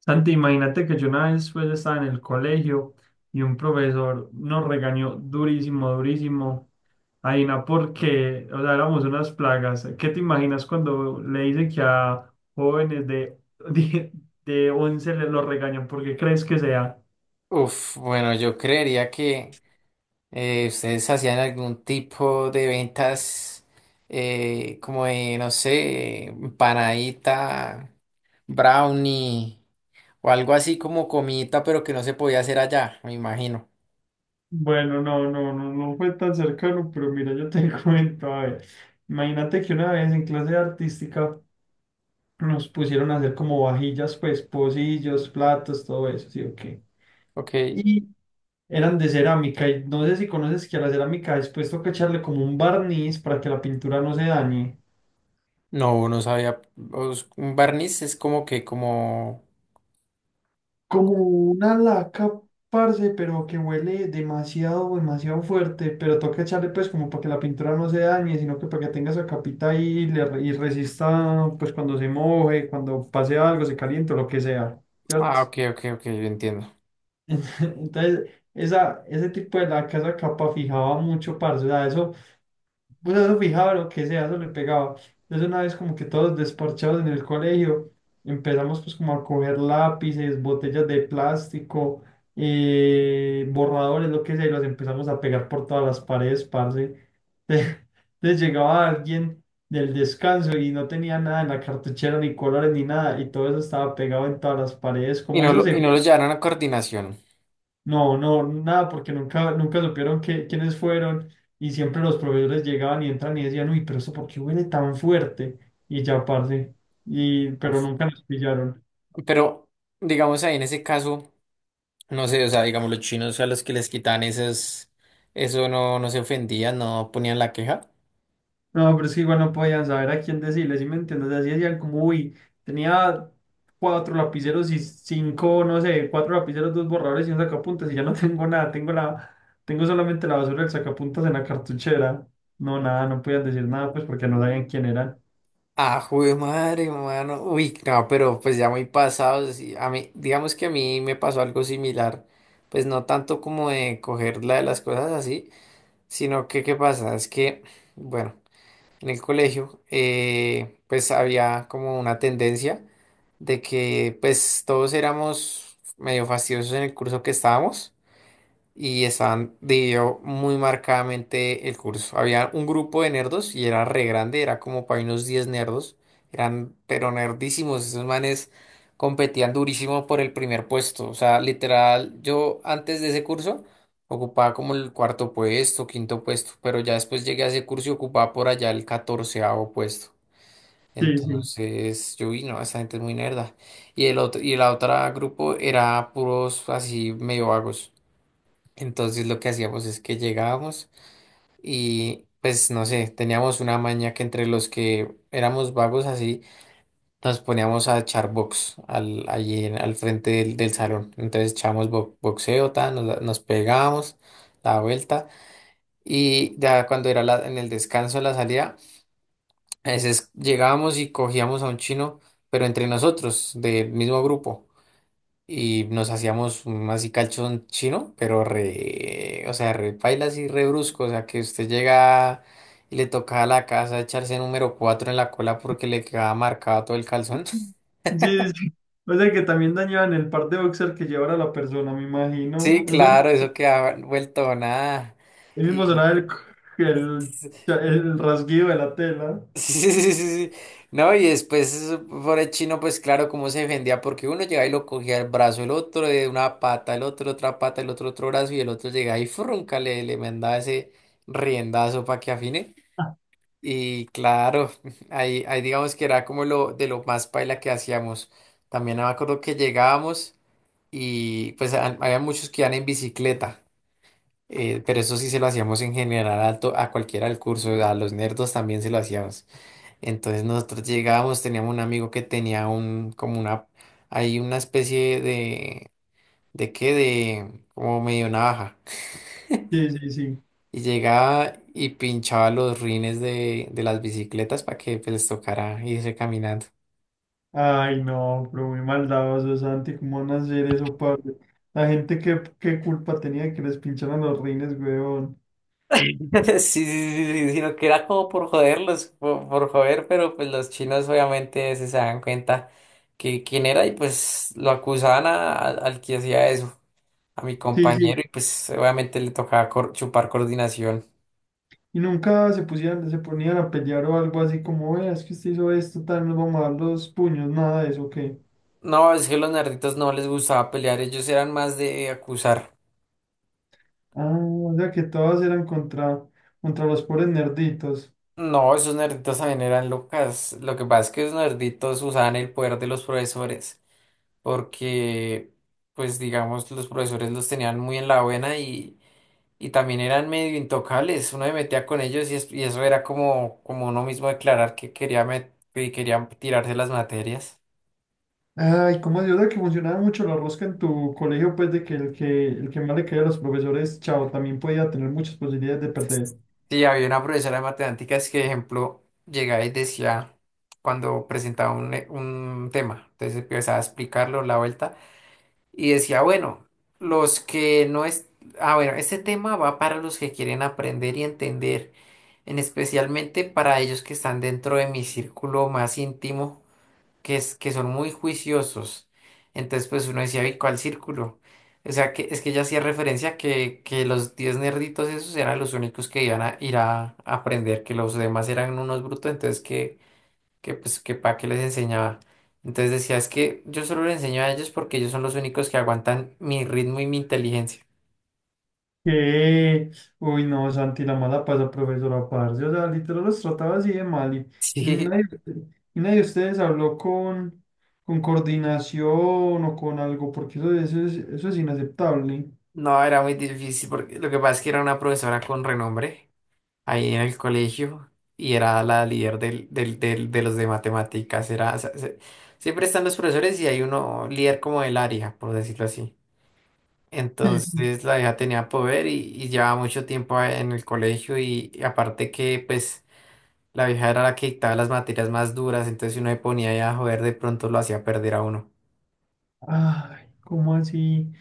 Santi, imagínate que yo una vez pues estaba en el colegio y un profesor nos regañó durísimo, durísimo. Aina, porque, o sea, éramos unas plagas. ¿Qué te imaginas cuando le dicen que a jóvenes de, de, de 11 les lo regañan? ¿Por qué crees que sea? Uf, bueno, yo creería que ustedes hacían algún tipo de ventas como de, no sé, empanadita, brownie o algo así como comidita, pero que no se podía hacer allá, me imagino. Bueno, no fue tan cercano, pero mira, yo te cuento, a ver, imagínate que una vez en clase de artística nos pusieron a hacer como vajillas, pues, pocillos, platos, todo eso, ¿sí o qué? Ok, Eran de cerámica y no sé si conoces que a la cerámica después toca echarle como un barniz para que la pintura no se dañe. no, no sabía. Un barniz es como que, como. Como una laca, parce, pero que huele demasiado, demasiado fuerte, pero toca echarle pues como para que la pintura no se dañe, sino que para que tenga esa capita ahí y, y resista pues cuando se moje, cuando pase algo, se caliente o lo que sea, ¿cierto? Ah, ok, ok, ok, yo entiendo. Entonces, ese tipo de laca, esa capa fijaba mucho, parce, o sea, eso. Vos eso fijado lo que sea, eso le pegaba. Entonces una vez como que todos desparchados en el colegio, empezamos pues como a coger lápices, botellas de plástico, borradores, lo que sea, y los empezamos a pegar por todas las paredes, parce. Entonces llegaba alguien del descanso y no tenía nada en la cartuchera, ni colores, ni nada, y todo eso estaba pegado en todas las paredes. Y Como no eso lo, y no se lo llevaron a coordinación. no, no, nada, porque nunca supieron quiénes fueron, y siempre los proveedores llegaban y entran y decían, uy, pero eso ¿por qué huele tan fuerte? Y ya, parce, pero Uf, nunca nos pillaron. pero digamos ahí en ese caso. No sé, o sea, digamos, los chinos a los que les quitan esas eso no, no se ofendían, no ponían la queja. No, pero es que igual no podían saber a quién decirles, ¿sí me entiendes? Así decían como, uy, tenía cuatro lapiceros y cinco, no sé, cuatro lapiceros, dos borradores y un sacapuntas y ya no tengo nada, tengo la, tengo solamente la basura del sacapuntas en la cartuchera. No, nada, no podían decir nada, pues porque no sabían quién eran. Ah, jue madre, mano. Uy, no, pero pues ya muy pasados. Y a mí, digamos que a mí me pasó algo similar. Pues no tanto como de coger la de las cosas así, sino que, ¿qué pasa? Es que, bueno, en el colegio, pues había como una tendencia de que, pues todos éramos medio fastidiosos en el curso que estábamos. Y estaban dividido muy marcadamente el curso. Había un grupo de nerdos y era re grande, era como para unos 10 nerdos. Eran pero nerdísimos, esos manes competían durísimo por el primer puesto. O sea, literal, yo antes de ese curso ocupaba como el cuarto puesto, quinto puesto, pero ya después llegué a ese curso y ocupaba por allá el 14.º puesto. Sí, sí. Entonces yo vi, no, esa gente es muy nerda. Y la otra grupo era puros así medio vagos. Entonces lo que hacíamos es que llegábamos y pues no sé, teníamos una maña que entre los que éramos vagos así, nos poníamos a echar box al frente del salón. Entonces echábamos boxeo, ta, nos pegábamos la vuelta y ya cuando era en el descanso, la salida, a veces llegábamos y cogíamos a un chino, pero entre nosotros, del mismo grupo y nos hacíamos un así calzón chino, pero re, o sea, re paila así re brusco, o sea, que usted llega y le toca a la casa echarse número 4 en la cola porque le quedaba marcado todo el calzón. Sí, sí, sí. O sea que también dañaban el par de boxer que llevara la persona, me Sí, imagino. Eso claro, eso quedaba vuelto nada. el mismo Y sonaba el, el rasguido de la tela. sí, sí, sí, sí, sí. No, y después eso, por el chino, pues claro, cómo se defendía, porque uno llegaba y lo cogía el brazo, el otro de una pata, el otro otra pata, el otro otro brazo, y el otro llegaba y frunca, le mandaba ese riendazo para que afine. Y claro, ahí digamos que era como lo más paila que hacíamos. También me acuerdo que llegábamos y pues había muchos que iban en bicicleta, pero eso sí se lo hacíamos en general a cualquiera del curso, a los nerdos también se lo hacíamos. Entonces nosotros llegábamos, teníamos un amigo que tenía un, como una, hay una especie ¿de qué? De, como medio navaja. Sí, sí, sí. Y llegaba y pinchaba los rines de las bicicletas para que pues, les tocara irse caminando. Ay, no, pero muy maldadoso, Santi, ¿cómo van a hacer eso, padre? La gente, ¿qué culpa tenía de que les pincharan los rines, weón? Sí, sí, sí, sí, sino que era como por joderlos, por joder, pero pues los chinos obviamente se dan cuenta que quién era y pues lo acusaban al que hacía eso, a mi Sí, sí. compañero, y pues obviamente le tocaba chupar coordinación. Y nunca se pusieran, se ponían a pelear o algo así como, "Vea, es que usted hizo esto, tal, nos vamos a dar los puños, nada de eso, ¿qué? No, es que los nerditos no les gustaba pelear, ellos eran más de acusar. Ah, o sea que todas eran contra los pobres nerditos. No, esos nerditos también eran locas. Lo que pasa es que esos nerditos usaban el poder de los profesores, porque, pues digamos, los profesores los tenían muy en la buena y también eran medio intocables. Uno se metía con ellos y eso era como uno mismo declarar que quería tirarse las materias. Ay, ¿cómo así? O sea que funcionaba mucho la rosca en tu colegio, pues de que el que más le caía a los profesores, chao, también podía tener muchas posibilidades de perder. Sí, había una profesora de matemáticas que, ejemplo, llegaba y decía cuando presentaba un tema, entonces empezaba a explicarlo la vuelta. Y decía, bueno, los que no es... Ah, bueno, este tema va para los que quieren aprender y entender, en especialmente para ellos que están dentro de mi círculo más íntimo, que es que son muy juiciosos. Entonces, pues uno decía, ¿y cuál círculo? O sea, que es que ella hacía referencia que los 10 nerditos esos eran los únicos que iban a ir a aprender, que los demás eran unos brutos, entonces que para qué les enseñaba. Entonces decía, es que yo solo les enseño a ellos porque ellos son los únicos que aguantan mi ritmo y mi inteligencia. ¿Qué? Uy, no, Santi, la mala pasa, profesora Parce. O sea, literal los trataba así de mal. Y, y Sí, nadie, y nadie de ustedes habló con coordinación o con algo, porque eso es inaceptable. no, era muy difícil porque lo que pasa es que era una profesora con renombre ahí en el colegio y era la líder del de los de matemáticas. Era, o sea, siempre están los profesores y hay uno líder como del área, por decirlo así. Sí. Entonces la hija tenía poder y llevaba mucho tiempo en el colegio y aparte que pues... La vieja era la que dictaba las materias más duras, entonces si uno se ponía ahí a joder, de pronto lo hacía perder a uno. Ay, ¿cómo así?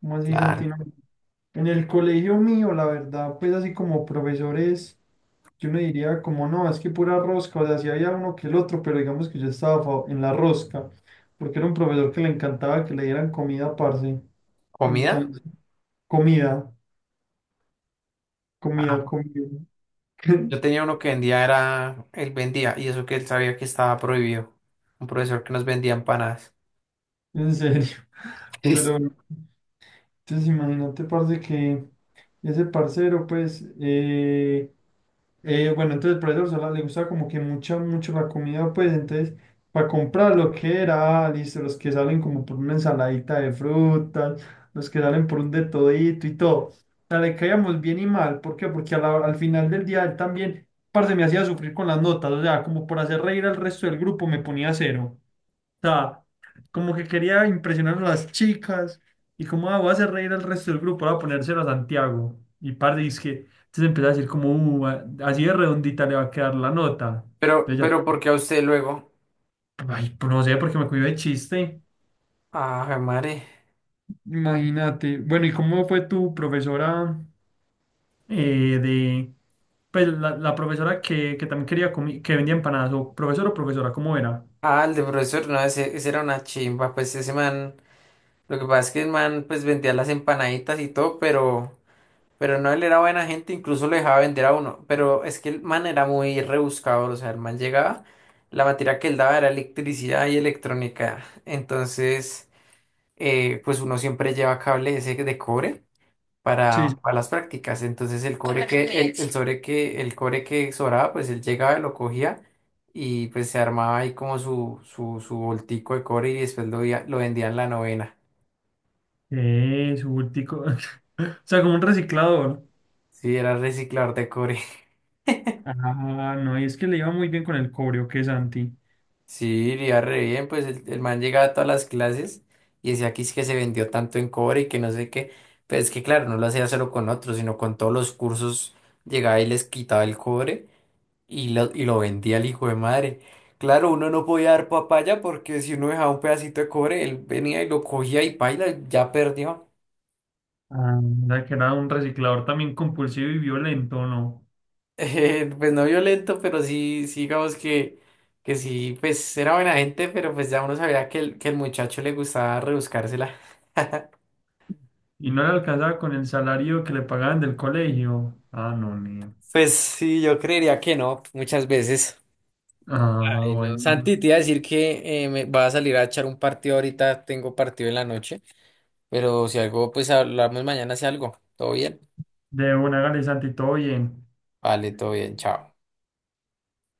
¿Cómo así, Claro. Santino? En el colegio mío, la verdad, pues así como profesores, yo no diría como no, es que pura rosca, o sea, sí había uno que el otro, pero digamos que yo estaba en la rosca, porque era un profesor que le encantaba que le dieran comida, parce. ¿Comida? Entonces, comida, comida, Ah, comida. yo tenía uno que vendía, y eso que él sabía que estaba prohibido. Un profesor que nos vendía empanadas. En serio. Es- Pero, entonces imagínate, parce, que ese parcero, pues, bueno, entonces por eso Sola le gustaba como que mucho la comida, pues entonces para comprar lo que era, listo, los que salen como por una ensaladita de frutas, los que salen por un de todito y todo. O sea, le caíamos bien y mal, ¿por qué? Porque al final del día él también, parce, me hacía sufrir con las notas, o sea, como por hacer reír al resto del grupo me ponía cero sea, como que quería impresionar a las chicas y como ah, voy a hacer reír al resto del grupo, voy a ponérselo a Santiago. Y parte es que entonces empezó a decir como, así de redondita le va a quedar la nota. Pero, Entonces pero, ¿por qué a usted luego? ya, ay, pues no sé, porque me cuido de chiste. Ah, madre. Imagínate. Bueno, ¿y cómo fue tu profesora eh, de, pues la profesora que también quería que vendía empanadas, o profesor o profesora, ¿cómo era? Ah, el de profesor, no, ese era una chimba, pues ese man, lo que pasa es que el man, pues vendía las empanaditas y todo, pero... Pero no, él era buena gente, incluso lo dejaba vender a uno. Pero es que el man era muy rebuscado, o sea, el man llegaba, la materia que él daba era electricidad y electrónica. Entonces, pues uno siempre lleva cable ese de cobre para, Sí, para las prácticas. Entonces el cobre que, el sobre que, el cobre que sobraba, pues él llegaba, lo cogía y pues se armaba ahí como su voltico de cobre y después lo vendía en la novena. es bultico. O sea, como un reciclador. Sí, era reciclador de cobre. Ah, no, y es que le iba muy bien con el cobrio, que Santi. Sí, le iba re bien, pues el man llegaba a todas las clases y decía que es que se vendió tanto en cobre y que no sé qué. Pero es que claro, no lo hacía solo con otros, sino con todos los cursos llegaba y les quitaba el cobre y lo vendía al hijo de madre. Claro, uno no podía dar papaya porque si uno dejaba un pedacito de cobre, él venía y lo cogía y paila, ya perdió. Anda, que era un reciclador también compulsivo y violento, ¿no? Pues no violento, pero sí, sí digamos que sí, pues era buena gente, pero pues ya uno sabía que que el muchacho le gustaba rebuscársela. Y no le alcanzaba con el salario que le pagaban del colegio. Ah, no, mío. Pues sí, yo creería que no, muchas veces. Ah, bueno. Santi, te iba a decir que me va a salir a echar un partido ahorita, tengo partido en la noche, pero si algo, pues hablamos mañana si algo. ¿Todo bien? De una, hágale, Santi, todo bien. Vale, todo bien, chao.